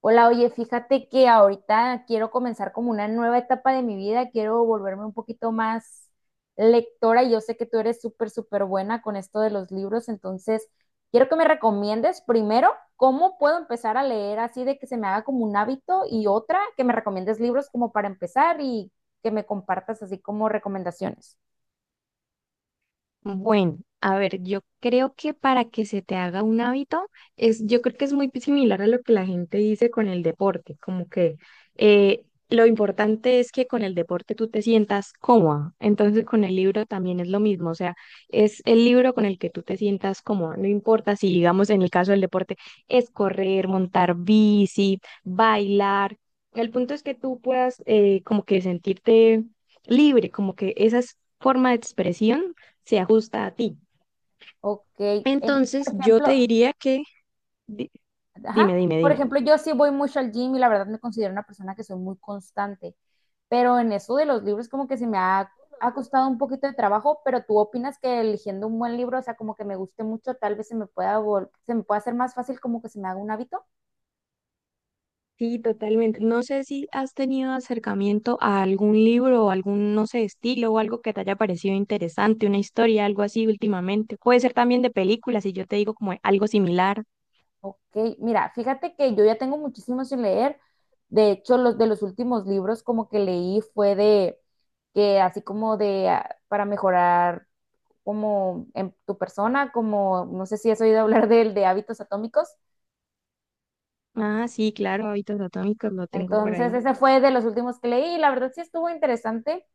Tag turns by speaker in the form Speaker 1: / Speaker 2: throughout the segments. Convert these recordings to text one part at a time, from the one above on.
Speaker 1: Hola, oye, fíjate que ahorita quiero comenzar como una nueva etapa de mi vida, quiero volverme un poquito más lectora y yo sé que tú eres súper buena con esto de los libros, entonces quiero que me recomiendes primero cómo puedo empezar a leer así de que se me haga como un hábito y otra que me recomiendes libros como para empezar y que me compartas así como recomendaciones.
Speaker 2: Bueno, a ver, yo creo que para que se te haga un hábito, yo creo que es muy similar a lo que la gente dice con el deporte, como que eh, lo importante es que con el deporte tú te sientas cómoda, entonces con el libro también es lo mismo, o sea, es el libro con el que tú te sientas cómoda, no importa si, digamos, en el caso del deporte es correr, montar bici, bailar, el punto es que tú puedas como que sentirte libre, como que esa es forma de expresión se ajusta a ti.
Speaker 1: Ok,
Speaker 2: Entonces,
Speaker 1: por
Speaker 2: yo te
Speaker 1: ejemplo.
Speaker 2: diría que, di-
Speaker 1: Ajá.
Speaker 2: dime, dime,
Speaker 1: Por
Speaker 2: dime.
Speaker 1: ejemplo, yo sí voy mucho al gym y la verdad me considero una persona que soy muy constante, pero en eso de los libros como que ha costado un poquito de trabajo, pero tú opinas que eligiendo un buen libro, o sea, como que me guste mucho, tal vez se me pueda hacer más fácil como que se me haga un hábito.
Speaker 2: Sí, totalmente. No sé si has tenido acercamiento a algún libro o algún, no sé, estilo o algo que te haya parecido interesante, una historia, algo así últimamente. Puede ser también de películas, si yo te digo como algo similar.
Speaker 1: Ok, mira, fíjate que yo ya tengo muchísimo sin leer. De hecho, los últimos libros como que leí fue de que así como de ah, para mejorar como en tu persona, como no sé si has oído hablar del de hábitos atómicos.
Speaker 2: Ah, sí, claro, hábitos atómicos lo tengo por
Speaker 1: Entonces,
Speaker 2: ahí.
Speaker 1: ese fue de los últimos que leí y la verdad sí estuvo interesante,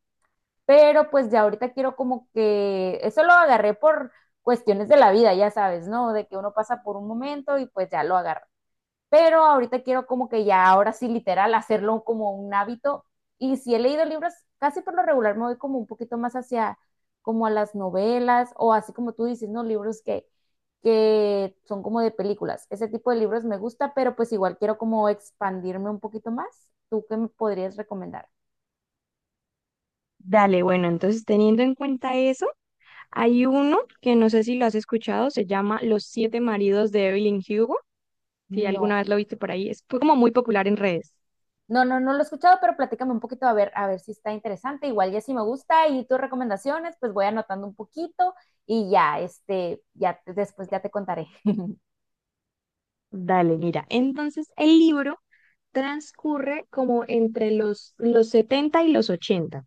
Speaker 1: pero pues ya ahorita quiero como que eso lo agarré por cuestiones de la vida, ya sabes, ¿no? De que uno pasa por un momento y pues ya lo agarra. Pero ahorita quiero como que ya ahora sí literal hacerlo como un hábito. Y si he leído libros, casi por lo regular me voy como un poquito más hacia como a las novelas o así como tú dices, ¿no? Que son como de películas. Ese tipo de libros me gusta, pero pues igual quiero como expandirme un poquito más. ¿Tú qué me podrías recomendar?
Speaker 2: Dale, bueno, entonces teniendo en cuenta eso, hay uno que no sé si lo has escuchado, se llama Los siete maridos de Evelyn Hugo. Si
Speaker 1: No.
Speaker 2: alguna vez lo viste por ahí, es como muy popular en redes.
Speaker 1: No lo he escuchado, pero platícame un poquito a ver si está interesante. Igual ya si me gusta y tus recomendaciones, pues voy anotando un poquito y ya, este, después ya te contaré.
Speaker 2: Dale, mira. Entonces, el libro transcurre como entre los 70 y los 80.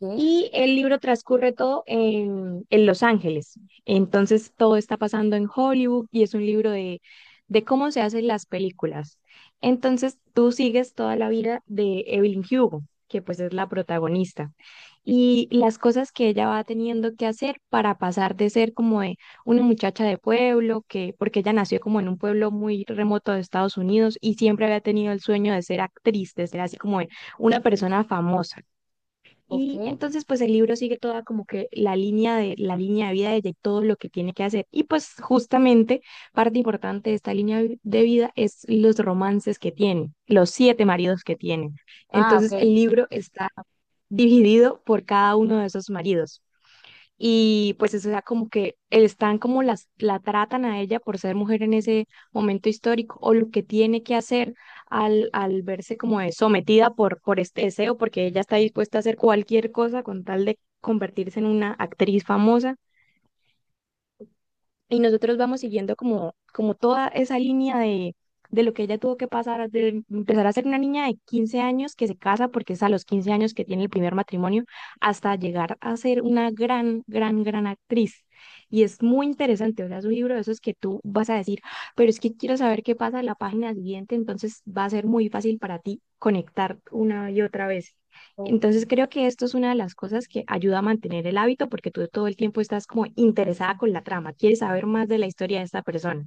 Speaker 1: Ok,
Speaker 2: Y el libro transcurre todo en Los Ángeles. Entonces todo está pasando en Hollywood y es un libro de cómo se hacen las películas. Entonces tú sigues toda la vida de Evelyn Hugo, que pues es la protagonista, y las cosas que ella va teniendo que hacer para pasar de ser como de una muchacha de pueblo, que porque ella nació como en un pueblo muy remoto de Estados Unidos y siempre había tenido el sueño de ser actriz, de ser así como de una persona famosa.
Speaker 1: ok.
Speaker 2: Y entonces, pues el libro sigue toda como que la línea de vida de ella y todo lo que tiene que hacer. Y pues justamente parte importante de esta línea de vida es los romances que tiene, los siete maridos que tiene.
Speaker 1: Ah,
Speaker 2: Entonces,
Speaker 1: ok.
Speaker 2: el libro está dividido por cada uno de esos maridos. Y pues eso, o sea, como que están como la tratan a ella por ser mujer en ese momento histórico o lo que tiene que hacer al verse como de sometida por este deseo, porque ella está dispuesta a hacer cualquier cosa con tal de convertirse en una actriz famosa. Y nosotros vamos siguiendo como toda esa línea de lo que ella tuvo que pasar, de empezar a ser una niña de 15 años que se casa porque es a los 15 años que tiene el primer matrimonio, hasta llegar a ser una gran, gran, gran actriz. Y es muy interesante, o sea, es un libro de esos que tú vas a decir, pero es que quiero saber qué pasa en la página siguiente, entonces va a ser muy fácil para ti conectar una y otra vez.
Speaker 1: Ok.
Speaker 2: Entonces creo que esto es una de las cosas que ayuda a mantener el hábito porque tú todo el tiempo estás como interesada con la trama, quieres saber más de la historia de esta persona.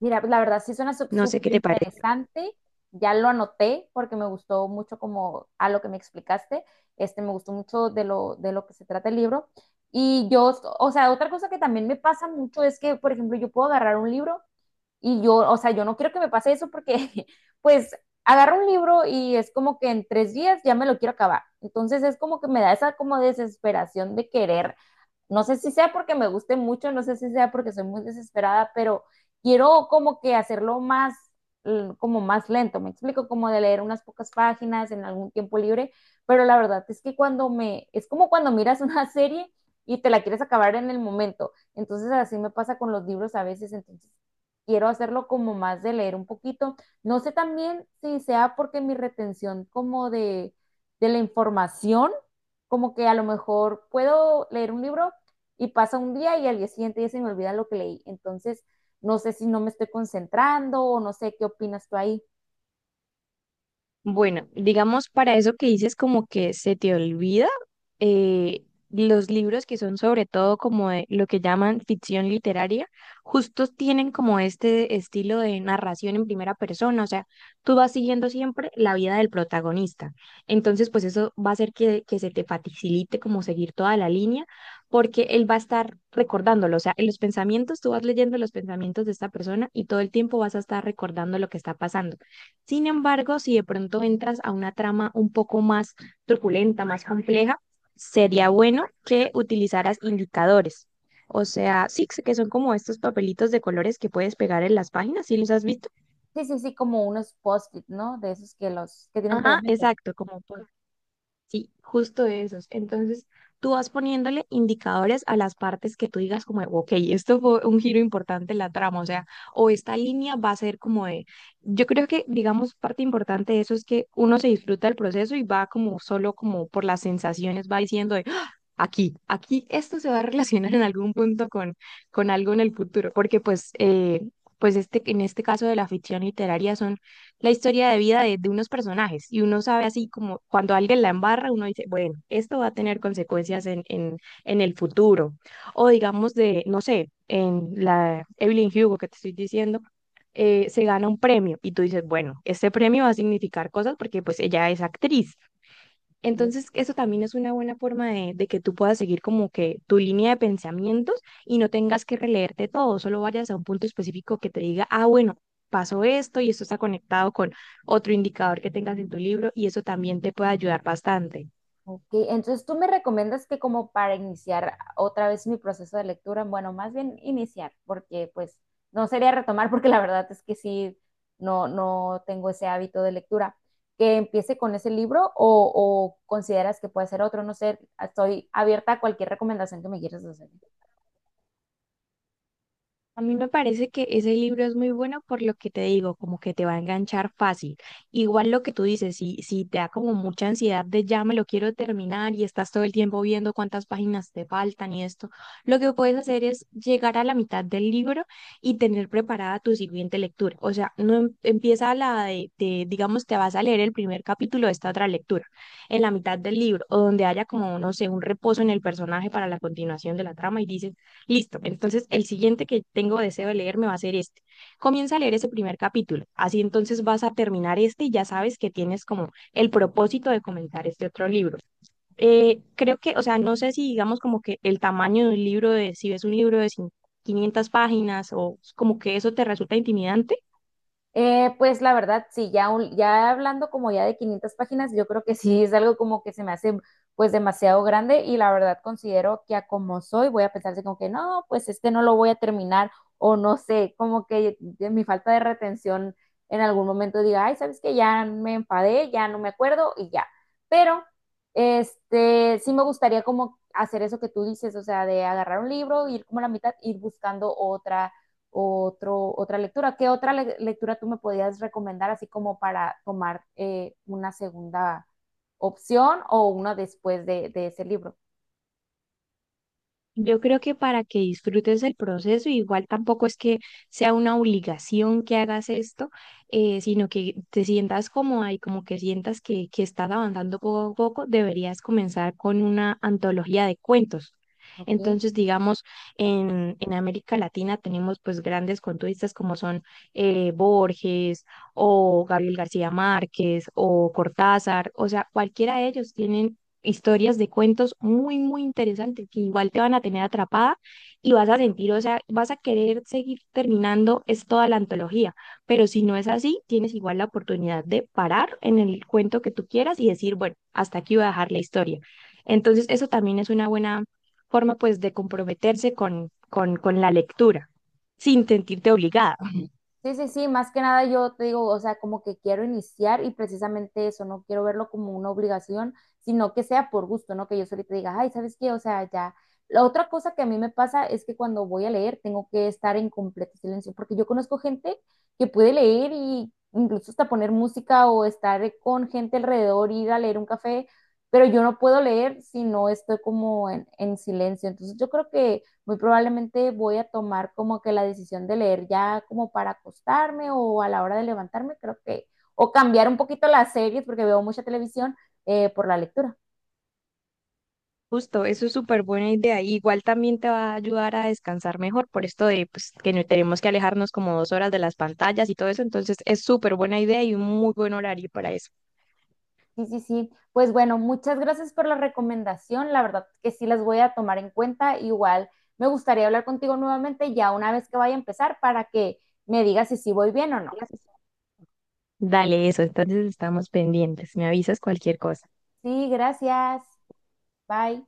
Speaker 1: Mira, la verdad sí suena
Speaker 2: No sé qué
Speaker 1: súper
Speaker 2: te parece.
Speaker 1: interesante. Ya lo anoté porque me gustó mucho como a lo que me explicaste. Este, me gustó mucho de lo que se trata el libro. Y yo, o sea, otra cosa que también me pasa mucho es que, por ejemplo, yo puedo agarrar un libro. Y yo, o sea, yo no quiero que me pase eso porque, pues, agarro un libro y es como que en 3 días ya me lo quiero acabar. Entonces es como que me da esa como desesperación de querer, no sé si sea porque me guste mucho, no sé si sea porque soy muy desesperada, pero quiero como que como más lento, me explico, como de leer unas pocas páginas en algún tiempo libre, pero la verdad es que es como cuando miras una serie y te la quieres acabar en el momento, entonces así me pasa con los libros a veces, entonces quiero hacerlo como más de leer un poquito, no sé también si sea porque mi de la información, como que a lo mejor puedo leer un libro y pasa un día y al día siguiente ya se me olvida lo que leí. Entonces, no sé si no me estoy concentrando o no sé qué opinas tú ahí.
Speaker 2: Bueno, digamos para eso que dices como que se te olvida, eh, los libros que son sobre todo como de lo que llaman ficción literaria, justos tienen como este estilo de narración en primera persona, o sea, tú vas siguiendo siempre la vida del protagonista. Entonces, pues eso va a hacer que, se te facilite como seguir toda la línea, porque él va a estar recordándolo, o sea, en los pensamientos, tú vas leyendo los pensamientos de esta persona y todo el tiempo vas a estar recordando lo que está pasando. Sin embargo, si de pronto entras a una trama un poco más truculenta, más compleja, sería bueno que utilizaras indicadores. O sea, sí, que son como estos papelitos de colores que puedes pegar en las páginas, ¿sí los has visto?
Speaker 1: Sí, sí, sí, como unos post-it, ¿no? De esos que los que tienen
Speaker 2: Ajá,
Speaker 1: pegamento.
Speaker 2: exacto, como por Sí, justo esos. Entonces, tú vas poniéndole indicadores a las partes que tú digas como, de, ok, esto fue un giro importante en la trama, o sea, o esta línea va a ser como de, yo creo que, digamos, parte importante de eso es que uno se disfruta del proceso y va como solo como por las sensaciones, va diciendo de, "Ah, aquí, aquí esto se va a relacionar en algún punto con algo en el futuro, porque pues, pues este, en este caso de la ficción literaria son la historia de vida de unos personajes y uno sabe así como cuando alguien la embarra, uno dice, bueno, esto va a tener consecuencias en el futuro. O digamos de, no sé, en la Evelyn Hugo que te estoy diciendo, se gana un premio y tú dices, bueno, este premio va a significar cosas porque pues ella es actriz.
Speaker 1: Sí.
Speaker 2: Entonces, eso también es una buena forma de que tú puedas seguir como que tu línea de pensamientos y no tengas que releerte todo, solo vayas a un punto específico que te diga, ah, bueno, pasó esto y esto está conectado con otro indicador que tengas en tu libro y eso también te puede ayudar bastante.
Speaker 1: Ok, entonces tú me recomiendas que como para iniciar otra vez mi proceso de lectura, bueno, más bien iniciar, porque pues no sería retomar, porque la verdad es que sí, no tengo ese hábito de lectura. Que empiece con ese libro o consideras que puede ser otro, no sé, estoy abierta a cualquier recomendación que me quieras hacer.
Speaker 2: A mí me parece que ese libro es muy bueno por lo que te digo, como que te va a enganchar fácil. Igual lo que tú dices, si te da como mucha ansiedad de ya me lo quiero terminar y estás todo el tiempo viendo cuántas páginas te faltan y esto, lo que puedes hacer es llegar a la mitad del libro y tener preparada tu siguiente lectura. O sea, no empieza la de, digamos, te vas a leer el primer capítulo de esta otra lectura, en la mitad del libro, o donde haya como, no sé, un reposo en el personaje para la continuación de la trama y dices Listo. Entonces, el siguiente que tengo deseo de leerme va a ser este. Comienza a leer ese primer capítulo. Así entonces vas a terminar este y ya sabes que tienes como el propósito de comenzar este otro libro. Creo que, o sea, no sé si digamos como que el tamaño de un libro, de, si ves un libro de 500 páginas o como que eso te resulta intimidante.
Speaker 1: Pues la verdad, sí, ya, ya hablando como ya de 500 páginas, yo creo que sí es algo como que se me hace pues demasiado grande y la verdad considero que a como soy voy a pensarse como que no, pues este no lo voy a terminar o no sé, como que de mi falta de retención en algún momento diga, ay, ¿sabes qué? Ya me enfadé, ya no me acuerdo y ya. Pero este sí me gustaría como hacer eso que tú dices, o sea, de agarrar un libro, ir como a la mitad, ir buscando otra otro, otra lectura. ¿Qué otra le lectura tú me podías recomendar así como para tomar una segunda opción o una después de ese libro?
Speaker 2: Yo creo que para que disfrutes el proceso, igual tampoco es que sea una obligación que hagas esto, sino que te sientas cómoda y como que sientas que, estás avanzando poco a poco, deberías comenzar con una antología de cuentos.
Speaker 1: Ok.
Speaker 2: Entonces, digamos, en América Latina tenemos pues grandes cuentistas como son Borges o Gabriel García Márquez o Cortázar, o sea, cualquiera de ellos tienen historias de cuentos muy, muy interesantes que igual te van a tener atrapada y vas a sentir, o sea, vas a querer seguir terminando, es toda la antología, pero si no es así, tienes igual la oportunidad de parar en el cuento que tú quieras y decir, bueno, hasta aquí voy a dejar la historia. Entonces, eso también es una buena forma, pues, de comprometerse con la lectura sin sentirte obligada.
Speaker 1: Sí, sí, sí, más que nada yo te digo, o sea, como que quiero iniciar y precisamente eso, no quiero verlo como una obligación, sino que sea por gusto, ¿no? Que yo solita diga, ay, ¿sabes qué? O sea, ya. La otra cosa que a mí me pasa es que cuando voy a leer tengo que estar en completo silencio, porque yo conozco gente que puede leer y incluso hasta poner música o estar con gente alrededor, ir a leer un café, pero yo no puedo leer si no estoy como en silencio. Entonces yo creo que muy probablemente voy a tomar como que la decisión de leer ya como para acostarme o a la hora de levantarme, creo que, o cambiar un poquito las series porque veo mucha televisión por la lectura.
Speaker 2: Justo, eso es súper buena idea. Y igual también te va a ayudar a descansar mejor por esto de pues, que no tenemos que alejarnos como 2 horas de las pantallas y todo eso. Entonces es súper buena idea y un muy buen horario para eso.
Speaker 1: Sí, sí, sí. Pues bueno, muchas gracias por la recomendación. La verdad que sí las voy a tomar en cuenta. Igual me gustaría hablar contigo nuevamente ya una vez que vaya a empezar para que me digas si sí voy bien o no.
Speaker 2: Gracias. Dale eso, entonces estamos pendientes. Me avisas cualquier cosa.
Speaker 1: Sí, gracias. Bye.